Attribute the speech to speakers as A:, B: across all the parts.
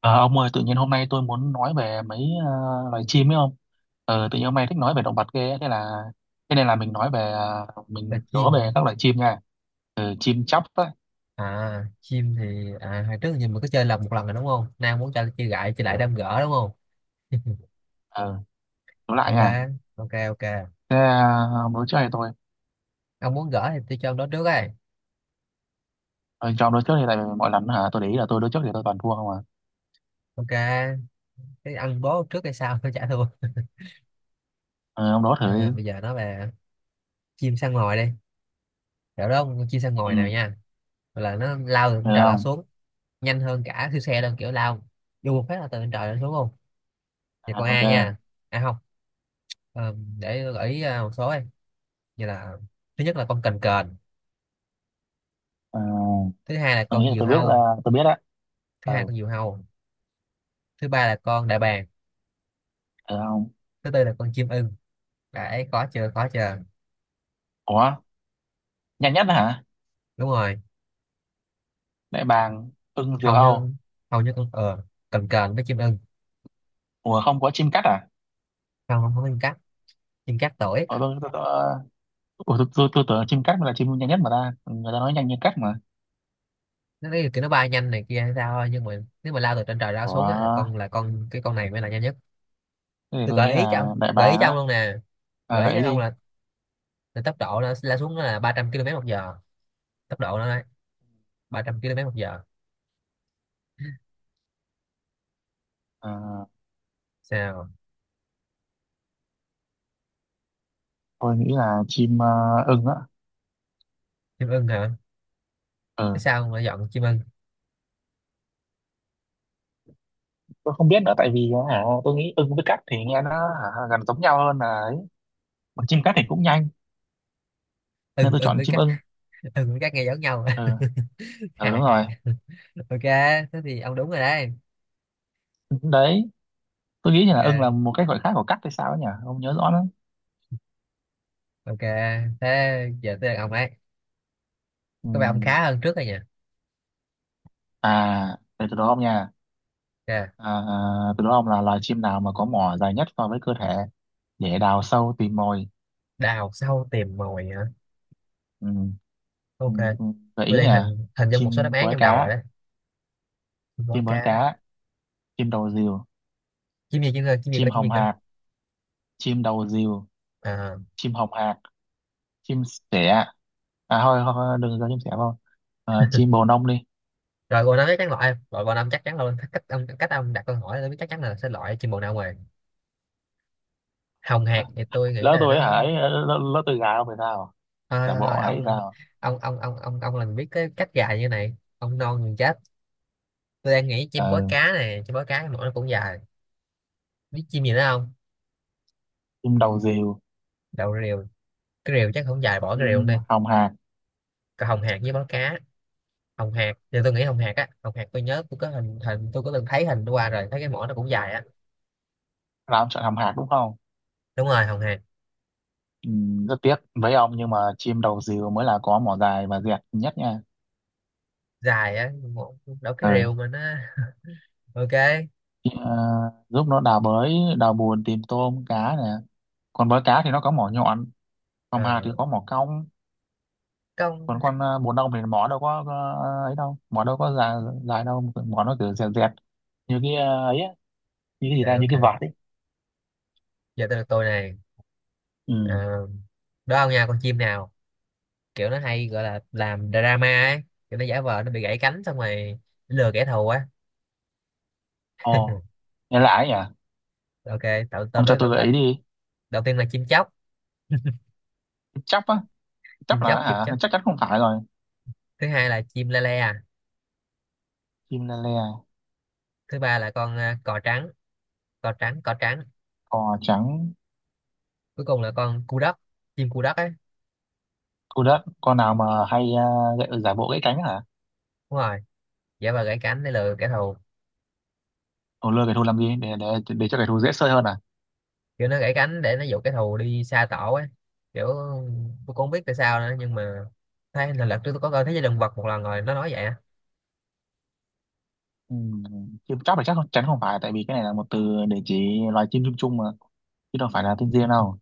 A: Ờ, ông ơi, tự nhiên hôm nay tôi muốn nói về mấy ờ, loài chim ấy không? Tự nhiên hôm nay thích nói về động vật ghê, ấy. Thế nên là mình nói về
B: Là
A: mình đố
B: chim hả?
A: về các loài chim nha. Chim chóc á,
B: Chim thì hồi trước giờ mình có chơi một lần rồi đúng không? Nay muốn chơi chơi gãi chơi lại đâm gỡ đúng không?
A: ờ, đố lại
B: Ok,
A: nha.
B: ok, ok.
A: Thế, ông đố trước hay tôi?
B: Ông muốn gỡ thì tôi cho ông đó trước ấy.
A: Ờ, cho ông đố trước thì tại vì mọi lần hả, tôi để ý là tôi đố trước thì tôi toàn thua không à.
B: Ok, cái ăn bố trước hay sao tôi trả thua.
A: Ờ, ông đố thử đi.
B: Bây giờ nói về chim săn mồi đi, kiểu đó con chim săn
A: Ừ,
B: mồi nào nha. Gọi là nó lao từ
A: được
B: trên trời lao
A: không?
B: xuống nhanh hơn cả siêu xe luôn, kiểu lao vô một phát là từ trên trời lao xuống luôn. Thì con
A: À,
B: A
A: ok.
B: nha, à không, để tôi gợi ý một số ấy, như là thứ nhất là con cành cờn,
A: Ờ,
B: thứ hai là
A: tôi nghĩ
B: con diều
A: là
B: hâu,
A: tôi biết á.
B: thứ hai
A: Ờ,
B: con diều hâu thứ ba là con đại bàng,
A: Được không?
B: thứ tư là con chim ưng. Đấy, có chưa?
A: Ủa, nhanh nhất hả?
B: Đúng rồi.
A: Đại bàng, ưng, diều
B: hầu như
A: hâu.
B: hầu như con cần cờn với chim ưng.
A: Ủa, không có chim cắt à?
B: Không không không, chim cắt, chim cắt tuổi.
A: Ờ, tôi, tôi, tôi, Ủa, tôi tưởng chim cắt mới là chim nhanh nhất mà ta, người ta nói nhanh như cắt mà.
B: Nó cái kiểu nó bay nhanh này kia hay sao thôi, nhưng mà nếu mà lao từ trên trời lao xuống á là
A: Ủa,
B: con này mới là nhanh nhất.
A: thế thì
B: Tôi
A: tôi nghĩ
B: gợi ý cho
A: là
B: ông
A: đại
B: Gợi ý
A: bàng
B: cho ông
A: á.
B: luôn nè,
A: À,
B: gợi ý
A: gợi
B: cho
A: ý
B: ông
A: đi.
B: là tốc độ nó lao xuống nó là 300 km một giờ, tốc độ nó 300 km một giờ.
A: Ờ,
B: Sao?
A: tôi nghĩ là chim, ưng á.
B: Chim ưng hả? Cái
A: Ừ,
B: sao mà dọn chim ưng.
A: tôi không biết nữa tại vì, hả, tôi nghĩ ưng với cắt thì nghe nó hả, gần giống nhau hơn là ấy. Mà chim cắt thì cũng nhanh nên
B: ưng
A: tôi
B: ưng
A: chọn
B: với
A: chim
B: cắt.
A: ưng.
B: Ưng với cắt nghe giống nhau.
A: Ừ. Ừ, đúng
B: Hài
A: rồi
B: hài. Ok, thế thì ông đúng rồi đấy.
A: đấy. Tôi nghĩ là ưng là
B: Ok,
A: một cái gọi khác của cắt hay sao ấy nhỉ, không nhớ rõ lắm.
B: ok. Thế giờ tới lượt ông ấy.
A: Ừ.
B: Có vẻ ông khá hơn trước rồi nhỉ.
A: À, để tôi đố ông nha.
B: Ok,
A: À, từ đó ông là loài chim nào mà có mỏ dài nhất so với cơ thể để đào sâu tìm mồi.
B: đào sâu tìm mồi hả?
A: Ừ. Ừ.
B: Ok,
A: Ừ. Gợi
B: tôi
A: ý
B: đang
A: nè,
B: hình hình dung một số đáp
A: chim
B: án
A: bói
B: trong đầu rồi
A: cá,
B: đấy. Có
A: chim bói
B: cá.
A: cá, chim đầu rìu, chim
B: Chim gì
A: hồng
B: cơ?
A: hạc, chim đầu rìu,
B: À,
A: chim hồng hạc, chim sẻ. À thôi, thôi đừng cho chim sẻ vào. Chim bồ nông đi.
B: rồi bồ năm chắc chắn, loại loại bồ năm chắc chắn luôn. Cách ông đặt câu hỏi tôi biết chắc chắn là sẽ loại chim bồ nào rồi. Hồng
A: Ờ,
B: hạc thì tôi nghĩ
A: Lỡ
B: là
A: tôi
B: nó…
A: ấy hả? Lỡ tôi gà không phải sao?
B: Thôi
A: Giả
B: thôi
A: bộ
B: thôi
A: ấy
B: ông,
A: sao?
B: ông là người biết cái cách gài như này, ông non người chết. Tôi đang nghĩ chim bói
A: Ờ,
B: cá này, chim bói cá cái mõm nó cũng dài. Biết chim gì nữa không?
A: Chim đầu rìu,
B: Đầu rìu, cái rìu chắc không dài, bỏ cái rìu
A: chim
B: đi.
A: hồng hạc.
B: Còn hồng hạc với bói cá. Hồng hạc thì tôi nghĩ hồng hạc á, hồng hạc tôi nhớ tôi có hình hình tôi có từng thấy hình qua rồi, thấy cái mõm nó cũng dài á.
A: Là ông chọn hồng hạc đúng không?
B: Đúng rồi, hồng hạc.
A: Ừ, rất tiếc với ông nhưng mà chim đầu dìu mới là có mỏ dài và dẹt nhất nha.
B: Dài á mõm, đâu cái
A: Ừ.
B: rìu mà nó. Ok.
A: Ờ, Giúp nó đào bới, đào bùn tìm tôm cá nè. Còn với cá thì nó có mỏ nhọn, còn hà thì
B: ờ
A: có mỏ cong,
B: Công.
A: còn con, bùn ong thì mỏ đâu có, ấy đâu, mỏ đâu có dài, dài đâu, mỏ nó cứ dẹt dẹt như cái, ấy á, như cái gì ra, như
B: Ok,
A: cái vạt
B: ok,
A: ấy.
B: giờ tới lượt tôi này.
A: Ừ.
B: Ờ, Đó ông nha, con chim nào kiểu nó hay gọi là làm drama ấy, kiểu nó giả vờ nó bị gãy cánh xong rồi lừa kẻ thù á.
A: Ồ, nghe lạ ấy nhỉ.
B: Ok, tao tao
A: Ông cho
B: đối
A: tôi gợi
B: tao,
A: ý đi.
B: đầu tiên là chim chóc,
A: Chóc á? Chóc
B: chim
A: là
B: chóc chim
A: hả,
B: chóc
A: chắc chắn không phải rồi.
B: Thứ hai là chim la le à.
A: Chim le le.
B: Thứ ba là con cò trắng, cò trắng.
A: Cò trắng.
B: Cuối cùng là con cu đất, chim cu đất ấy.
A: Thu đất, con nào mà hay giả bộ gãy cánh hả?
B: Đúng rồi, giả vờ gãy cánh để lừa kẻ thù,
A: Thù lừa cái thù làm gì? Để cho cái thù dễ sơi hơn à?
B: kiểu nó gãy cánh để nó dụ kẻ thù đi xa tổ ấy. Kiểu tôi cũng không biết tại sao nữa, nhưng mà thấy là lần trước tôi có coi thế giới động vật một lần rồi, nó nói vậy á.
A: Ừ, chứ chắc là chắc không- chắn không phải, tại vì cái này là một từ để chỉ loài chim chung chung mà, chứ đâu phải là tên riêng đâu.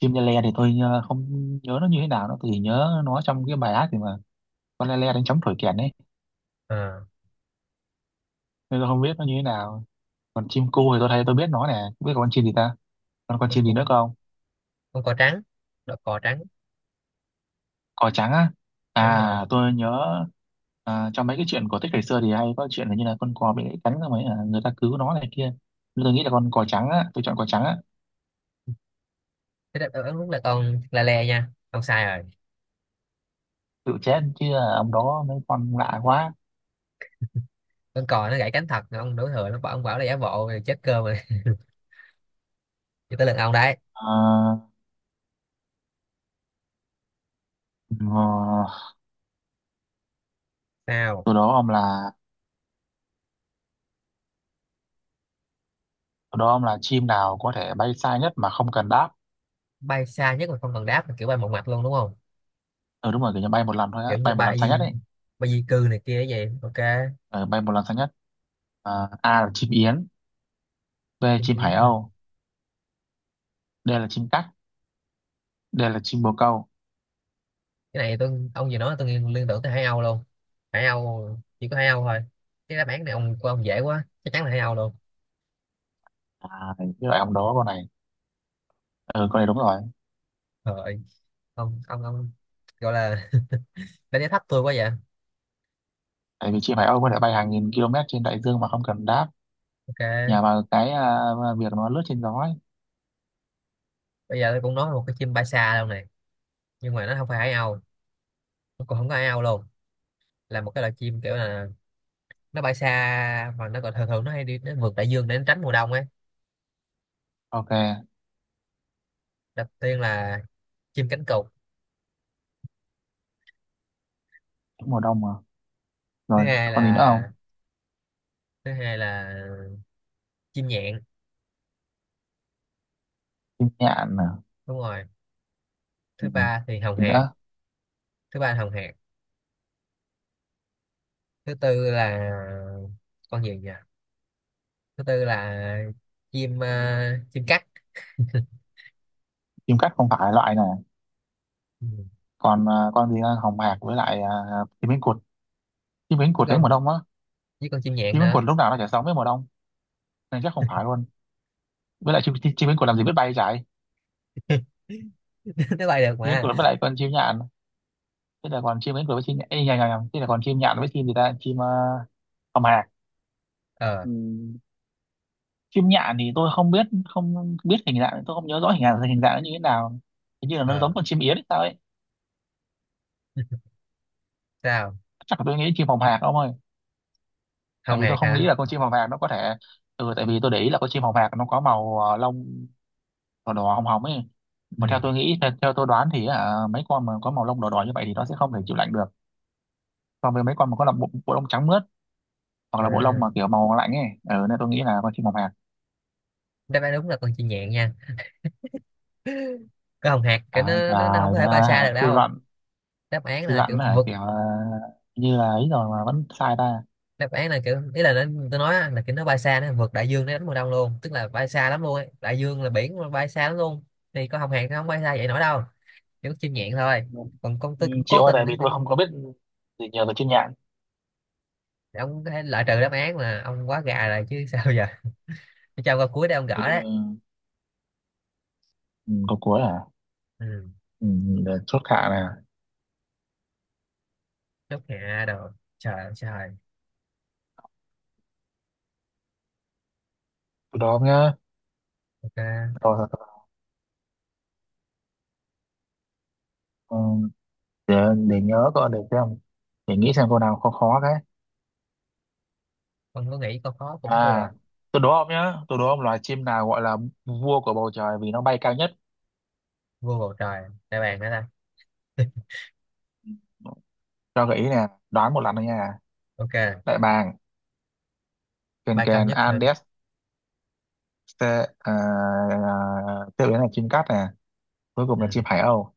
A: Chim le le thì tôi, không nhớ nó như thế nào, nó tôi chỉ nhớ nó trong cái bài hát thì mà. Con le le đánh trống thổi kèn ấy,
B: Ờ,
A: nên tôi không biết nó như thế nào. Còn chim cu thì tôi thấy, tôi biết nó nè, không biết còn con chim gì ta? Còn con
B: con
A: chim gì
B: cu,
A: nữa không?
B: con cò trắng, đó, cò trắng.
A: Cò trắng á.
B: Đúng rồi.
A: À, tôi nhớ. À, trong mấy cái chuyện cổ tích ngày xưa thì hay có chuyện là như là con cò bị gãy cánh rồi mấy là người ta cứu nó này kia, nên tôi nghĩ là con cò trắng á, tôi chọn cò trắng á.
B: Thế đáp án đúng là con la le nha, ông sai rồi.
A: Tự chết chứ, à ông đó mấy con lạ quá.
B: Con cò nó gãy cánh thật, ông đổ thừa nó bảo ông bảo là giả bộ rồi chết cơm rồi. Cho tới lần ông đấy.
A: à, ờ,
B: Sao?
A: Từ đó ông là, chim nào có thể bay xa nhất mà không cần đáp.
B: Bay xa nhất mà không cần đáp là kiểu bay một mặt luôn đúng không?
A: Ừ, đúng rồi, kiểu như bay một lần thôi á,
B: Kiểu như
A: bay một lần xa nhất
B: bay,
A: ấy.
B: bay di cư này kia vậy. Ok.
A: Ừ, bay một lần xa nhất. À, A là chim yến, B là
B: Chính
A: chim
B: biến
A: hải
B: mà.
A: âu, D là chim cắt, D là chim bồ câu.
B: Cái này tôi ông vừa nói tôi liên liên tưởng tới Hải Âu luôn. Hải Âu, chỉ có Hải Âu thôi. Cái đáp án này ông, của ông dễ quá, chắc chắn là Hải Âu luôn.
A: À, cái loại ông đó con này. Ừ, con này đúng rồi.
B: Trời, ông gọi là đánh giá thấp tôi quá vậy.
A: Tại vì chị Hải Âu có thể bay hàng nghìn km trên đại dương mà không cần đáp,
B: Ok,
A: nhờ vào cái, việc nó lướt trên gió ấy.
B: bây giờ tôi cũng nói một cái chim bay xa luôn này, nhưng mà nó không phải Hải Âu, nó còn không có Hải Âu luôn. Là một cái loại chim kiểu là nó bay xa, mà nó còn thường thường nó hay đi, nó vượt đại dương để nó tránh mùa đông ấy.
A: Ok.
B: Đầu tiên là chim cánh cụt.
A: Cũng mùa đông mà.
B: thứ
A: Rồi
B: hai
A: còn gì nữa không?
B: là Thứ hai là chim nhạn.
A: Chim nhạn nè.
B: Đúng rồi. Thứ
A: Ừ.
B: ba thì hồng
A: Gì
B: hạc,
A: nữa?
B: thứ ba là hồng hạc thứ tư là con gì nhỉ, thứ tư là chim chim cắt.
A: Chim cắt không phải loại này.
B: Ừ.
A: Còn, con gì nữa? Hồng hạc với lại, chim cánh cụt. Chim cánh
B: Với
A: cụt đến mùa
B: con,
A: đông á,
B: với con chim nhạn
A: chim cánh
B: nữa.
A: cụt lúc nào nó chả sống với mùa đông nên chắc không phải luôn. Với lại chim chim, chim cánh cụt làm gì biết bay chạy.
B: Nó bay được
A: Chim cánh
B: mà.
A: cụt với lại con chim nhạn. Thế là còn chim cánh cụt với chim nhạn. Ê, nhầm, nhầm, nhầm. Thế là còn chim nhạn với chim gì ta, chim, hồng hạc.
B: ờ
A: Ừ. Chim nhạn thì tôi không biết, không biết hình dạng, tôi không nhớ rõ hình dạng, hình dạng nó như thế nào. Hình như là nó
B: ờ
A: giống con chim yến hay sao ấy.
B: Sao?
A: Chắc là tôi nghĩ chim phòng hạc ông ơi. Tại
B: Hồng
A: vì tôi
B: hạc
A: không
B: hả?
A: nghĩ là con chim phòng hạc nó có thể. Ừ, tại vì tôi để ý là con chim phòng hạc nó có màu, lông đỏ đỏ hồng hồng ấy. Mà theo
B: Ừ.
A: tôi nghĩ, theo tôi đoán thì à, mấy con mà có màu lông đỏ đỏ như vậy thì nó sẽ không thể chịu lạnh được, so với mấy con mà có là bộ lông trắng mướt, hoặc là bộ lông
B: à,
A: mà kiểu màu lạnh ấy. Ừ, nên tôi nghĩ là con chim phòng hạc.
B: Đáp án đúng là con chim nhạn nha, cái hồng hạc cái
A: À,
B: nó không có thể bay xa
A: à,
B: được
A: suy
B: đâu.
A: luận,
B: Đáp án là kiểu
A: hả,
B: vượt…
A: kiểu, như là ấy rồi mà vẫn sai ta.
B: đáp án là kiểu ý là nó, tôi nói á, là kiểu nó bay xa, nó vượt đại dương, nó đánh mùa đông luôn, tức là bay xa lắm luôn ấy. Đại dương là biển mà, bay xa lắm luôn. Thì con hồng hạc nó không bay xa vậy nổi đâu, kiểu chim nhạn thôi.
A: Vâng.
B: Còn con
A: Ừ,
B: tôi cũng
A: chịu
B: cố
A: thôi tại
B: tình
A: vì tôi không có biết gì, nhờ tôi chuyên nhạn.
B: để ông có thể loại trừ đáp án, mà ông quá gà rồi chứ. Sao giờ? Tôi cho câu cuối để ông
A: Thì
B: gỡ
A: tôi,
B: đấy.
A: ừ, có cuối à.
B: Ừ.
A: Ừ, để chốt hạ nè.
B: Chốt hạ đồ, trời ơi trời.
A: Tôi đó nhá.
B: Ok.
A: Rồi, rồi, rồi. Ừ, để, để nhớ coi, để xem, để nghĩ xem câu nào khó khó cái.
B: Con có nghĩ câu khó cũng thua.
A: À, tôi đố ông nhá, tôi đố ông loài chim nào gọi là vua của bầu trời vì nó bay cao nhất.
B: Vừa bầu trời, đại bàng hả ta?
A: Ừ, cho gợi ý nè, đoán một lần thôi nha.
B: Ok,
A: Đại bàng, kền
B: ba cao
A: kền
B: nhất hả?
A: Andes. Ste- à, Tiếp đến là chim cát nè, cuối cùng là
B: Ừ.
A: chim hải âu.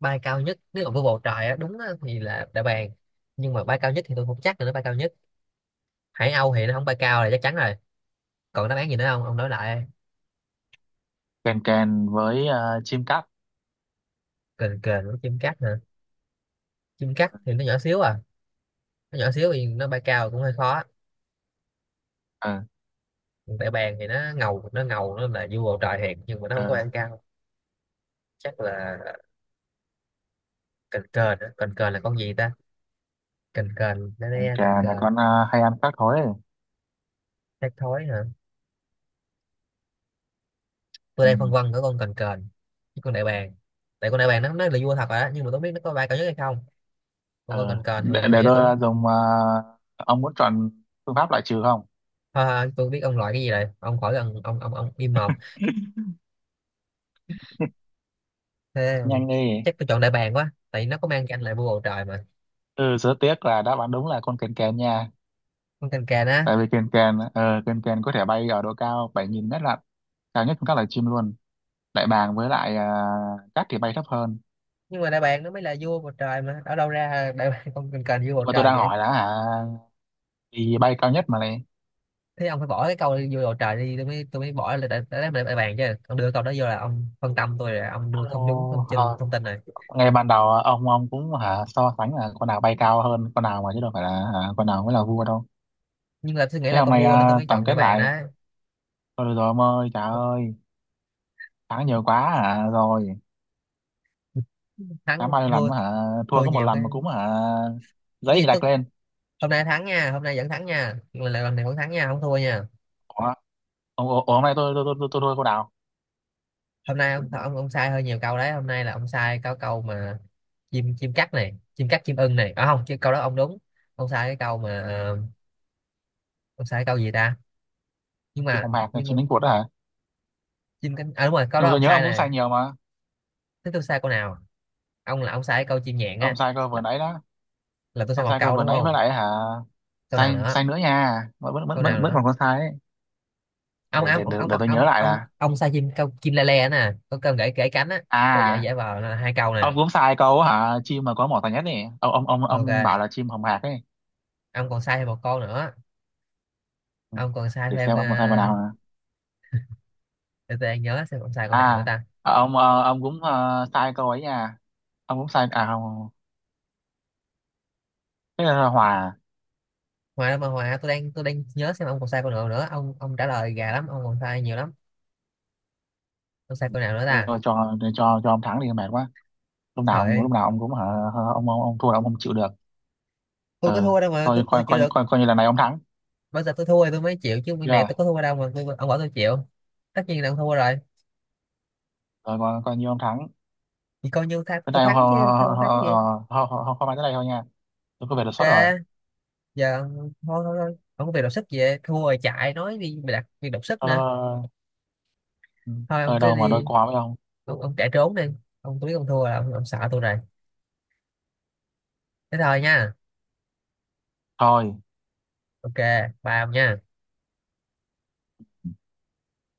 B: Bay cao nhất nếu mà vô bầu trời á, đúng á, thì là đã bàn. Nhưng mà bay cao nhất thì tôi không chắc là nó bay cao nhất. Hải âu thì nó không bay cao là chắc chắn rồi. Còn đáp án gì nữa không ông nói lại?
A: Kền kền với, chim cát.
B: Kền kền với chim cắt hả? Chim cắt thì nó nhỏ xíu à, nó nhỏ xíu thì nó bay cao cũng hơi khó.
A: Ừ.
B: Còn đại bàng thì nó ngầu, nó là vua bầu trời thiệt, nhưng mà nó không có
A: ờ
B: bay cao. Chắc là kền kền á. Kền kền là con gì ta? Kền kền nó
A: Còn
B: đe kền
A: trà là
B: kền.
A: con, hay ăn khác thôi.
B: Thác thối hả? Tôi
A: Ừ.
B: đang phân vân ở con kền kền với con đại bàng. Tại con đại bàng nó là vua thật rồi á, nhưng mà tôi không biết nó có bay cao nhất hay không. Không có
A: ờ
B: cần, cần thì
A: để,
B: tôi nghĩ cũng…
A: tôi dùng, ông muốn chọn phương pháp loại trừ không?
B: Thôi thôi, tôi biết ông loại cái gì rồi, ông khỏi cần, ông im mồm. Thế
A: Nhanh đi.
B: chắc tôi chọn đại bàng quá, tại vì nó có mang canh là vua bầu trời mà.
A: Ừ, rất tiếc là đáp án đúng là con kèn kèn nha.
B: Con cành cành á?
A: Tại vì kèn kèn, kèn kèn có thể bay ở độ cao 7.000 mét lận, cao nhất trong các loài chim luôn. Đại bàng với lại cát thì bay thấp hơn.
B: Nhưng mà đại bàng nó mới là vua bầu trời mà, ở đâu ra đại bàng, con cành cành vua bầu
A: Nhưng mà tôi
B: trời
A: đang
B: vậy?
A: hỏi là hả, thì bay cao nhất mà này.
B: Thế ông phải bỏ cái câu vua bầu trời đi, tôi mới bỏ là đại bàng chứ, ông đưa câu đó vô là ông phân tâm tôi rồi, ông đưa không đúng
A: Ồ,
B: thông tin,
A: rồi.
B: này.
A: Ngay ban đầu ông cũng hả so sánh là con nào bay cao hơn con nào mà, chứ đâu phải là hả, con nào mới là vua đâu.
B: Nhưng mà tôi nghĩ
A: Thế
B: là
A: hôm
B: con
A: nay,
B: vua nên tôi
A: à
B: mới
A: tổng
B: chọn
A: kết
B: đại bàng
A: lại.
B: đó.
A: Thôi được rồi ông ơi, trời ơi. Thắng nhiều quá hả rồi. Thắng
B: Thắng
A: bao nhiêu lần
B: thua.
A: mà hả, thua
B: Thua
A: có một
B: nhiều cái.
A: lần mà cũng hả.
B: Cái
A: Giấy
B: gì
A: gạch
B: tức.
A: lên.
B: Hôm nay thắng nha, hôm nay vẫn thắng nha, lần này vẫn thắng nha, không thua nha.
A: Ủa, ủa, ủa, hôm nay tôi tôi thua cô Đào.
B: Hôm nay ông sai hơi nhiều câu đấy, hôm nay là ông sai có câu mà. Chim chim cắt này, chim cắt chim ưng này, à không, chứ câu đó ông đúng. Ông sai cái câu mà
A: Ừ.
B: ông sai cái câu gì ta. Nhưng
A: Chim
B: mà,
A: phòng hạt này, chim đánh cuột đó hả.
B: chim cánh, à đúng rồi câu
A: Nhưng
B: đó
A: mà tôi
B: ông
A: nhớ
B: sai
A: ông cũng
B: này.
A: sai nhiều mà.
B: Thế tôi sai câu nào? Ông là ông sai cái câu chim nhạn á.
A: Ông sai cơ vừa
B: là,
A: nãy đó.
B: là tôi sai
A: Ông
B: một
A: sai cơ
B: câu
A: vừa
B: đúng
A: nãy với
B: không?
A: lại hả.
B: Câu nào
A: Sai
B: nữa?
A: sai nữa nha. Vẫn vẫn
B: Câu
A: vẫn,
B: nào
A: vẫn
B: nữa?
A: còn có sai ấy.
B: ông ông ông ông
A: Để
B: còn
A: tôi nhớ
B: ông
A: lại
B: ông
A: là.
B: ông sai chim câu, chim le le nè, có cơm gãy gãy cánh á. Câu dễ
A: À,
B: dễ vào là hai câu nè.
A: ông cũng sai câu hả, chim mà có mỏ tàn nhất này, ông
B: Ok,
A: bảo là chim hồng hạc ấy.
B: ông còn sai thêm một câu nữa.
A: Ừ.
B: Ông còn sai
A: Để
B: thêm
A: xem ông có sai câu nào.
B: để tôi đang nhớ xem ông sai câu nào nữa
A: à
B: ta.
A: ông, ông cũng, sai câu ấy nha. Ông cũng sai à, không, thế là hòa
B: Hòa đâu mà hòa, tôi đang, nhớ xem ông còn sai câu nào nữa, ông trả lời gà lắm, ông còn sai nhiều lắm. Ông sai câu nào nữa ta?
A: rồi. Cho ông thắng đi, mệt quá.
B: Trời ơi.
A: Lúc nào ông cũng hả, ông thua là ông không chịu được.
B: Tôi có
A: Ừ,
B: thua đâu mà
A: thôi
B: tôi chịu được.
A: coi, coi như lần này ông thắng.
B: Bây giờ tôi thua thì tôi mới chịu chứ, bên này
A: Chưa,
B: tôi có thua đâu mà tôi, ông bảo tôi chịu. Tất nhiên là ông thua rồi.
A: rồi coi, coi như ông thắng.
B: Thì coi như thắng,
A: Tới
B: tôi
A: đây họ
B: thắng chứ thua
A: họ
B: không thắng gì.
A: họ họ họ tới đây thôi nha, tôi có về đột xuất rồi.
B: Ok, giờ ông- thôi thôi thôi, ông có việc đột xuất về thua rồi chạy nói đi mày, đặt việc đột sức
A: Thôi,
B: nữa.
A: thôi, thôi. Ừ.
B: Thôi ông
A: Ờ,
B: cứ
A: đâu mà đôi
B: đi,
A: co với ông.
B: ông chạy trốn đi ông. Tôi biết ông thua là ông sợ tôi rồi. Thế thôi nha.
A: Thôi.
B: Ok, bye ông nha.